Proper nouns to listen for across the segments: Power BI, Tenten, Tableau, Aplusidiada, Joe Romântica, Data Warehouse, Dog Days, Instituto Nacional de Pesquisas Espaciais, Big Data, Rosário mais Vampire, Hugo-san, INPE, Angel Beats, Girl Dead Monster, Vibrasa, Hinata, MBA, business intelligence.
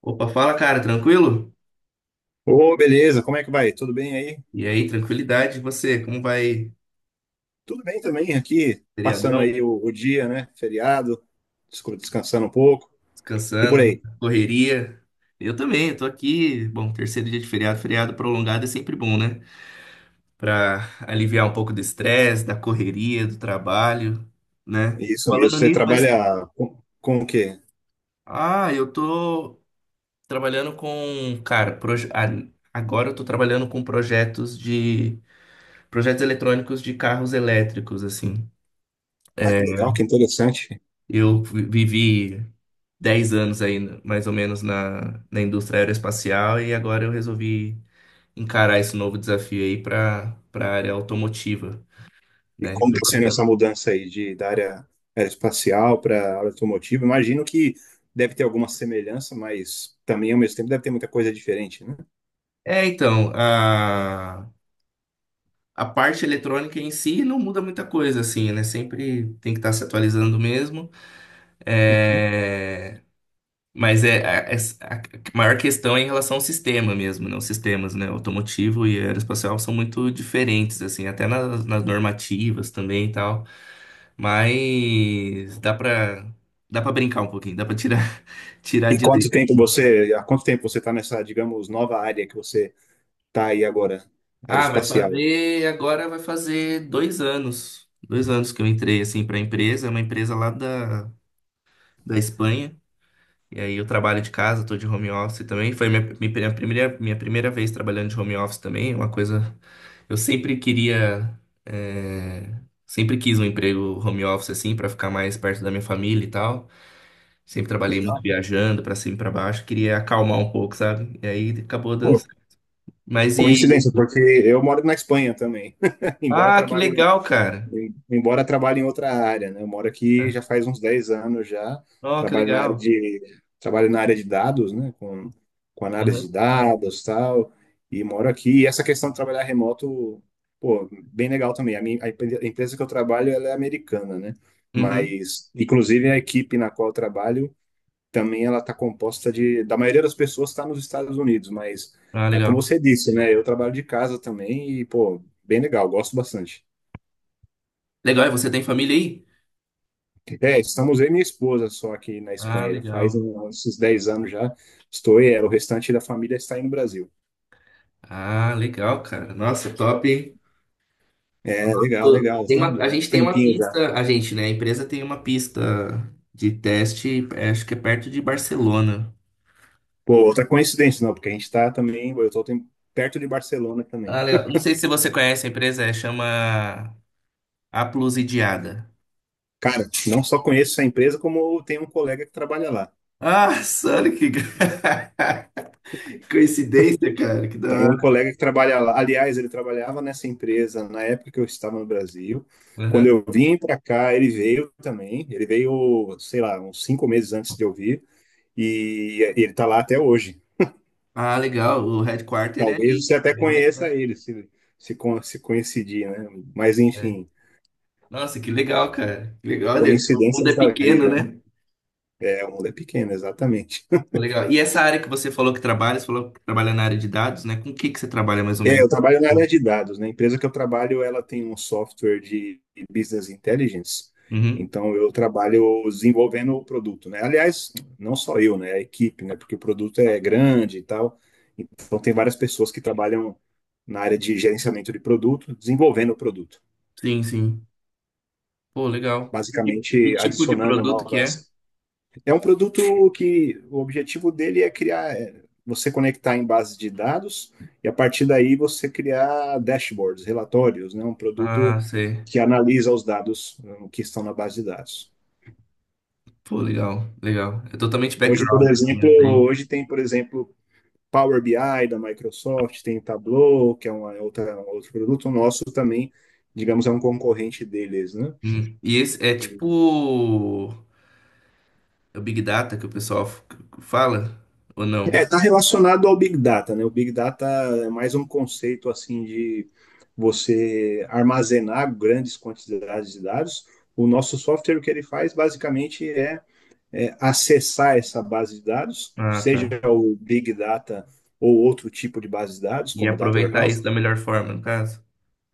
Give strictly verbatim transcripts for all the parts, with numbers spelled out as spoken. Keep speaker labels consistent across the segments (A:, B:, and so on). A: Opa, fala, cara, tranquilo?
B: Ô, beleza, como é que vai? Tudo bem aí?
A: E aí, tranquilidade, e você? Como vai?
B: Tudo bem também aqui, passando
A: Feriadão?
B: aí o, o dia, né? Feriado, descu- descansando um pouco e por
A: Descansando?
B: aí.
A: Correria? Eu também, eu tô aqui. Bom, terceiro dia de feriado, feriado prolongado é sempre bom, né? Pra aliviar um pouco do estresse, da correria, do trabalho, né?
B: Isso mesmo,
A: Falando
B: você
A: nisso, mas...
B: trabalha com, com o quê?
A: ah, eu tô trabalhando com, cara, proje... ah, agora eu tô trabalhando com projetos de projetos eletrônicos de carros elétricos, assim.
B: Ah,
A: É,
B: que legal, que interessante.
A: eu vi- vivi dez anos aí, mais ou menos, na, na indústria aeroespacial e agora eu resolvi encarar esse novo desafio aí para para a área automotiva,
B: E
A: né?
B: como
A: Tô
B: está sendo essa
A: gostando.
B: mudança aí de, da área aeroespacial para área automotiva? Imagino que deve ter alguma semelhança, mas também ao mesmo tempo deve ter muita coisa diferente, né?
A: É, então, a, a parte eletrônica em si não muda muita coisa, assim, né? Sempre tem que estar se atualizando mesmo.
B: Uhum.
A: É, mas é a, essa- a maior questão é em relação ao sistema mesmo, né? Os sistemas, né? Automotivo e aeroespacial são muito diferentes, assim, até nas, nas normativas também e tal. Mas dá pra, dá pra brincar um pouquinho, dá pra tirar, tirar
B: E
A: de
B: quanto
A: letra.
B: tempo você, há quanto tempo você está nessa, digamos, nova área que você está aí agora,
A: Ah, vai
B: aeroespacial?
A: fazer, agora vai fazer dois anos. Dois anos que eu entrei, assim, pra empresa, é uma empresa lá da, da Espanha. E aí eu trabalho de casa, tô de home office também. Foi minha, mi- minha primeira, minha primeira vez trabalhando de home office também. É uma coisa. Eu sempre queria. eh, Sempre quis um emprego home office, assim, pra ficar mais perto da minha família e tal. Sempre trabalhei muito
B: Legal.
A: viajando, pra cima e pra baixo. Queria acalmar um pouco, sabe? E aí acabou
B: Pô,
A: dando certo. Mas e.
B: coincidência, porque eu moro na Espanha também, embora
A: Ah, que
B: trabalhe.
A: legal, cara.
B: Eu- Embora trabalhe em outra área, né? Eu moro aqui já faz uns dez anos já,
A: Ó, que
B: trabalho na área
A: legal.
B: de, trabalho na área de dados, né? Com, com análise de
A: Uhum.
B: dados tal, e moro aqui. E essa questão de trabalhar remoto, pô, bem legal também. A minha, a empre- a empresa que eu trabalho, ela é americana, né?
A: Uhum.
B: Mas, inclusive, a equipe na qual eu trabalho também ela está composta de, da maioria das pessoas está nos Estados Unidos, mas,
A: Ah,
B: é como
A: legal.
B: você disse, né? Eu trabalho de casa também e, pô, bem legal, gosto bastante.
A: Legal, e você tem família aí?
B: É, estamos eu e minha esposa só aqui na
A: Ah,
B: Espanha, já faz
A: legal.
B: uns dez anos já. Estou e ela, o restante da família está aí no Brasil.
A: Ah, legal, cara. Nossa, top, hein?
B: É, legal, legal,
A: Tem
B: está
A: uma,
B: um
A: a gente tem uma
B: tempinho já.
A: pista, a gente, né? A empresa tem uma pista de teste, é, acho que é perto de Barcelona.
B: Pô, outra coincidência, não, porque a gente está também, eu estou perto de Barcelona
A: Ah,
B: também.
A: legal. Não sei se você conhece a empresa, é, chama Aplusidiada.
B: Cara, não só conheço essa empresa, como tem um colega que trabalha lá.
A: Ah, sério que coincidência, cara, que da
B: Tem um
A: hora.
B: colega que trabalha lá. Aliás, ele trabalhava nessa empresa na época que eu estava no Brasil. Quando
A: Aham.
B: eu vim para cá, ele veio também. Ele veio, sei lá, uns cinco meses antes de eu vir. E ele está lá até hoje.
A: Ah, legal, o headquarter é
B: Talvez
A: ali,
B: você até
A: é aí na
B: conheça
A: Espanha.
B: ele, se, se, con- se coincidir, né? Mas,
A: É.
B: enfim,
A: Nossa, que legal, cara. Que legal, olha, o mundo
B: coincidências
A: é
B: da
A: pequeno,
B: vida, né?
A: né?
B: É, o mundo é pequeno, exatamente.
A: Pô, legal. E essa área que você falou que trabalha, você falou que trabalha na área de dados, né? Com o que que você trabalha mais ou
B: É,
A: menos?
B: eu trabalho na área de dados, né? A empresa que eu trabalho, ela tem um software de business intelligence.
A: Uhum.
B: Então, eu trabalho desenvolvendo o produto, né? Aliás, não só eu, né? A equipe, né? Porque o produto é grande e tal. Então, tem várias pessoas que trabalham na área de gerenciamento de produto, desenvolvendo o produto.
A: Sim, sim. Pô, legal. Que, que
B: Basicamente,
A: tipo de
B: adicionando
A: produto que é?
B: novas. É um produto que o objetivo dele é criar, é, você conectar em bases de dados e a partir daí você criar dashboards, relatórios, né? Um
A: Ah,
B: produto
A: sei.
B: que analisa os dados eh, que estão na base de dados.
A: Pô, legal, legal. É totalmente
B: Hoje,
A: background,
B: por
A: assim,
B: exemplo,
A: eu tenho.
B: hoje tem, por exemplo, Power B I da Microsoft, tem Tableau, que é uma outra, um outro produto nosso também, digamos, é um concorrente deles, né?
A: Hum. E esse é tipo é o Big Data que o pessoal f- fala? Ou
B: É,
A: não?
B: está relacionado ao Big Data, né? O Big Data é mais um conceito assim de você armazenar grandes quantidades de dados. O nosso software, o que ele faz basicamente é, é acessar essa base de dados,
A: Ah, tá.
B: seja o Big Data ou outro tipo de base de dados,
A: E
B: como Data
A: aproveitar isso da
B: Warehouse.
A: melhor forma, no caso?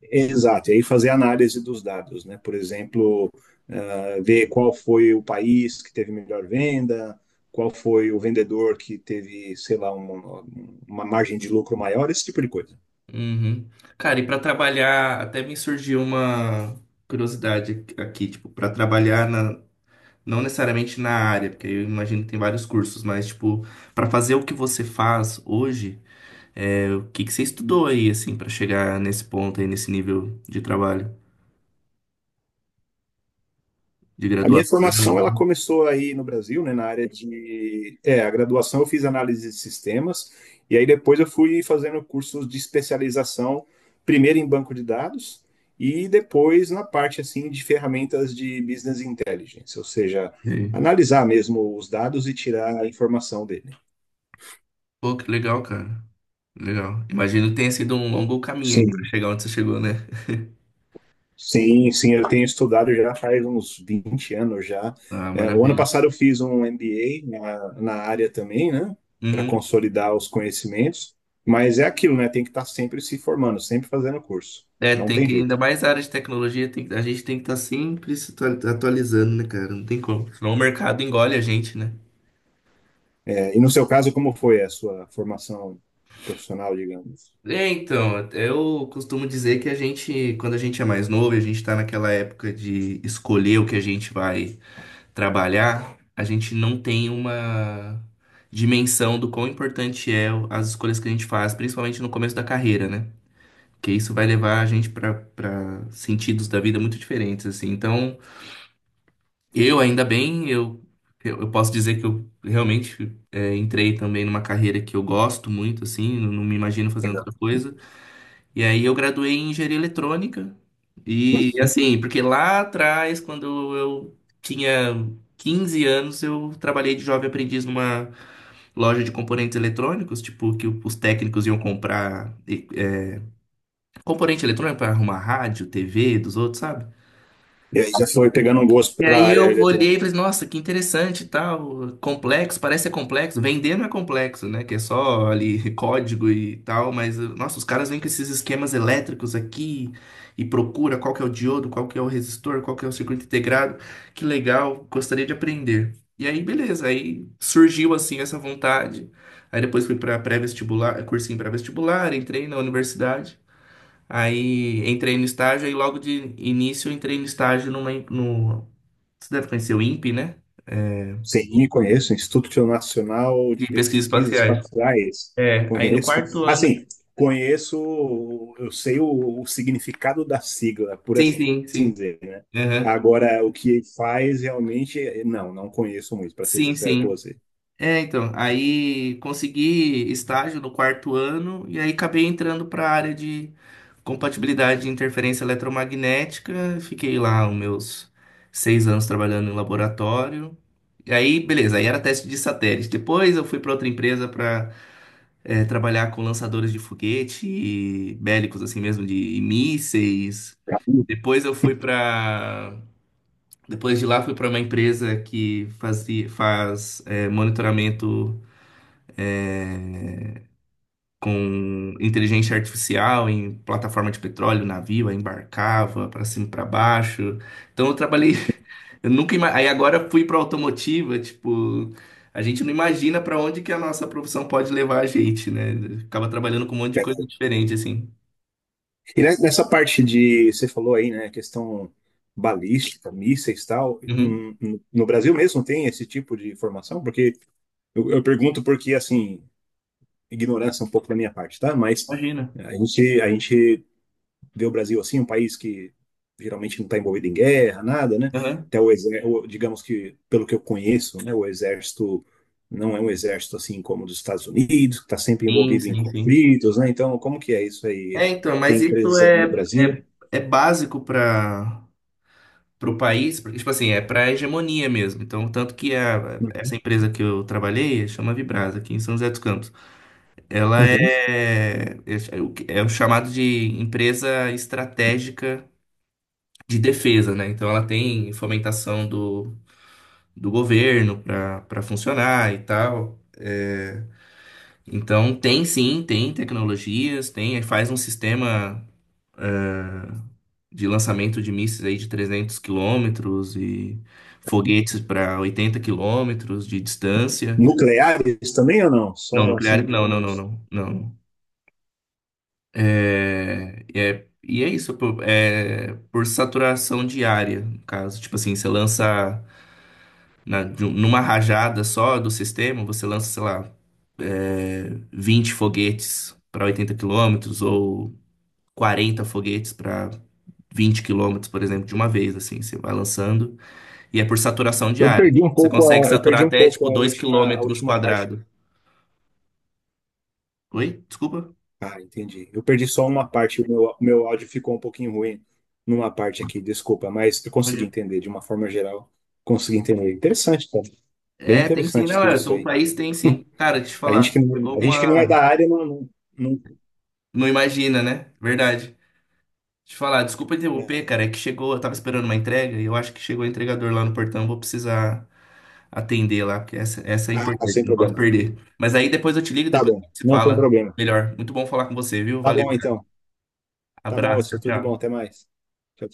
B: Exato, e aí fazer análise dos dados, né? Por exemplo, ah, ver qual foi o país que teve melhor venda, qual foi o vendedor que teve, sei lá, uma, uma margem de lucro maior, esse tipo de coisa.
A: Uhum. Cara, e pra trabalhar, até me surgiu uma curiosidade aqui, tipo, pra trabalhar na, não necessariamente na área, porque eu imagino que tem vários cursos, mas, tipo, pra fazer o que você faz hoje, é, o que que você estudou aí, assim, pra chegar nesse ponto aí, nesse nível de trabalho, de
B: A minha formação ela
A: graduação?
B: começou aí no Brasil, né, na área de, é, a graduação eu fiz análise de sistemas e aí depois eu fui fazendo cursos de especialização, primeiro em banco de dados e depois na parte assim de ferramentas de business intelligence, ou seja,
A: E aí?
B: analisar mesmo os dados e tirar a informação dele.
A: Pô, que legal, cara. Legal. Imagino que tenha sido um longo caminho aí pra
B: Sim.
A: chegar onde você chegou, né?
B: Sim, sim, eu tenho estudado já faz uns vinte anos já.
A: Ah,
B: É, o ano
A: maravilha.
B: passado eu fiz um M B A na, na área também, né, para
A: Uhum.
B: consolidar os conhecimentos, mas é aquilo, né, tem que estar sempre se formando, sempre fazendo curso,
A: É,
B: não
A: tem
B: tem
A: que, ainda
B: jeito.
A: mais a área de tecnologia, tem que- a gente tem que estar sempre se atua- atualizando, né, cara? Não tem como. Senão o mercado engole a gente, né?
B: É, e no seu caso, como foi a sua formação profissional, digamos?
A: É, então, eu costumo dizer que a gente, quando a gente é mais novo, e a gente está naquela época de escolher o que a gente vai trabalhar, a gente não tem uma dimensão do quão importante é o- as escolhas que a gente faz, principalmente no começo da carreira, né? Porque isso vai levar a gente para para sentidos da vida muito diferentes, assim. Então, eu ainda bem, eu, eu eu posso dizer que eu realmente é, entrei também numa carreira que eu gosto muito, assim, não não me imagino fazendo
B: Legal.
A: outra coisa. E aí eu graduei em engenharia eletrônica. E assim, porque lá atrás, quando eu tinha quinze anos, eu trabalhei de jovem aprendiz numa loja de componentes eletrônicos, tipo, que os técnicos iam comprar eh, componente eletrônico para arrumar rádio, tevê dos outros, sabe?
B: E aí já foi pegando um gosto
A: E
B: pela
A: aí
B: área
A: eu olhei e
B: eletrônica.
A: falei, nossa, que interessante, e tal, complexo, parece ser complexo. Vender não é complexo, né? Que é só ali código e tal, mas nossa, os caras vêm com esses esquemas elétricos aqui e procura qual que é o diodo, qual que é o resistor, qual que é o circuito integrado. Que legal, gostaria de aprender. E aí, beleza, aí surgiu assim essa vontade. Aí depois fui para pré-vestibular, cursinho pré-vestibular, entrei na universidade. Aí entrei no estágio, aí logo de início eu entrei no estágio numa, no, você deve conhecer o INPE, né? É,
B: Sim, conheço, Instituto Nacional de
A: de pesquisas
B: Pesquisas
A: espaciais.
B: Espaciais.
A: É, aí no
B: Conheço.
A: quarto ano.
B: Assim, conheço, eu sei o, o significado da sigla, por
A: Sim, sim,
B: assim
A: sim.
B: dizer, né?
A: Aham.
B: Agora, o que ele faz realmente, eh, não, não conheço muito, para ser
A: Sim,
B: sincero com
A: sim.
B: você.
A: É, então, aí consegui estágio no quarto ano e aí acabei entrando para a área de compatibilidade de interferência eletromagnética. Fiquei lá os meus seis anos trabalhando em laboratório. E aí, beleza, aí era teste de satélite. Depois eu fui para outra empresa para é, trabalhar com lançadores de foguete e bélicos, assim mesmo, de mísseis. Depois eu fui para. Depois de lá, fui para uma empresa que fazia, faz é, monitoramento com inteligência artificial em plataforma de petróleo, navio, aí embarcava para cima e para baixo. Então eu trabalhei. Eu nunca ima... Aí agora eu fui para automotiva, tipo. A gente não imagina para onde que a nossa profissão pode levar a gente, né? Acaba trabalhando com um monte de coisa diferente, assim.
B: E ne- nessa parte de, você falou aí, né, questão balística, mísseis e tal,
A: Uhum.
B: hum, no no Brasil mesmo tem esse tipo de formação? Porque eu, eu pergunto porque, assim, ignorância um pouco da minha parte, tá? Mas
A: Imagina.
B: é, a gente, a gente vê o Brasil assim, um país que geralmente não está envolvido em guerra, nada, né?
A: Aham.
B: Até o exército, digamos que, pelo que eu conheço, né, o exército não é um exército assim como o dos Estados Unidos, que está sempre
A: Sim,
B: envolvido em
A: sim, sim.
B: conflitos, né? Então, como que é isso
A: É,
B: aí?
A: então, mas
B: Tem
A: isso
B: empresas aí
A: é,
B: no Brasil?
A: é, é básico para o país, porque, tipo assim, é para hegemonia mesmo. Então, tanto que a,
B: Uhum.
A: essa empresa que eu trabalhei, chama Vibrasa, aqui em São José dos Campos, ela
B: Uhum.
A: é, é, o que- é o chamado de empresa estratégica de defesa, né? Então, ela tem fomentação do, do, governo para para funcionar e tal. É, então, tem sim, tem tecnologias, tem, faz um sistema. De lançamento de mísseis aí de trezentos quilômetros e foguetes para oitenta quilômetros de distância.
B: Nucleares também ou não?
A: Não,
B: Só assim,
A: nucleares não, não, não,
B: digamos.
A: não, não. É, é, e é isso, por, é, por saturação diária, no caso. Tipo assim, você lança na- de um- numa rajada só do sistema, você lança, sei lá, é, vinte foguetes para oitenta quilômetros ou quarenta foguetes para vinte quilômetros, por exemplo, de uma vez, assim, você vai lançando. E é por saturação de
B: Eu
A: área.
B: perdi um
A: Você
B: pouco
A: consegue
B: a, eu
A: saturar
B: perdi um
A: até,
B: pouco
A: tipo,
B: a
A: dois
B: última, a
A: quilômetros
B: última parte.
A: quadrados. Oi? Desculpa?
B: Ah, entendi. Eu perdi só uma parte, o meu, o meu áudio ficou um pouquinho ruim numa parte aqui, desculpa, mas eu consegui
A: Olha.
B: entender de uma forma geral. Consegui entender. Interessante, cara. Bem
A: É, tem sim.
B: interessante
A: Não,
B: tudo
A: é,
B: isso
A: o
B: aí.
A: país tem sim. Cara, deixa eu te
B: A gente que
A: falar.
B: não,
A: Chegou
B: a gente que não é
A: uma...
B: da área não, não, não-
A: Não imagina, né? Verdade. Deixa eu te falar. Desculpa interromper,
B: é.
A: cara. É que chegou... Eu tava esperando uma entrega e eu acho que chegou o entregador lá no portão. Vou precisar atender lá, porque essa, essa é
B: Ah,
A: importante.
B: sem
A: Não posso
B: problema.
A: perder. Mas aí depois eu te ligo,
B: Tá
A: depois
B: bom,
A: a gente se
B: não tem
A: fala
B: problema.
A: melhor. Muito bom falar com você, viu?
B: Tá
A: Valeu,
B: bom
A: cara.
B: então. Tá bom, eu
A: Abraço.
B: sou
A: Tchau,
B: tudo de bom,
A: tchau.
B: até mais. Tchau.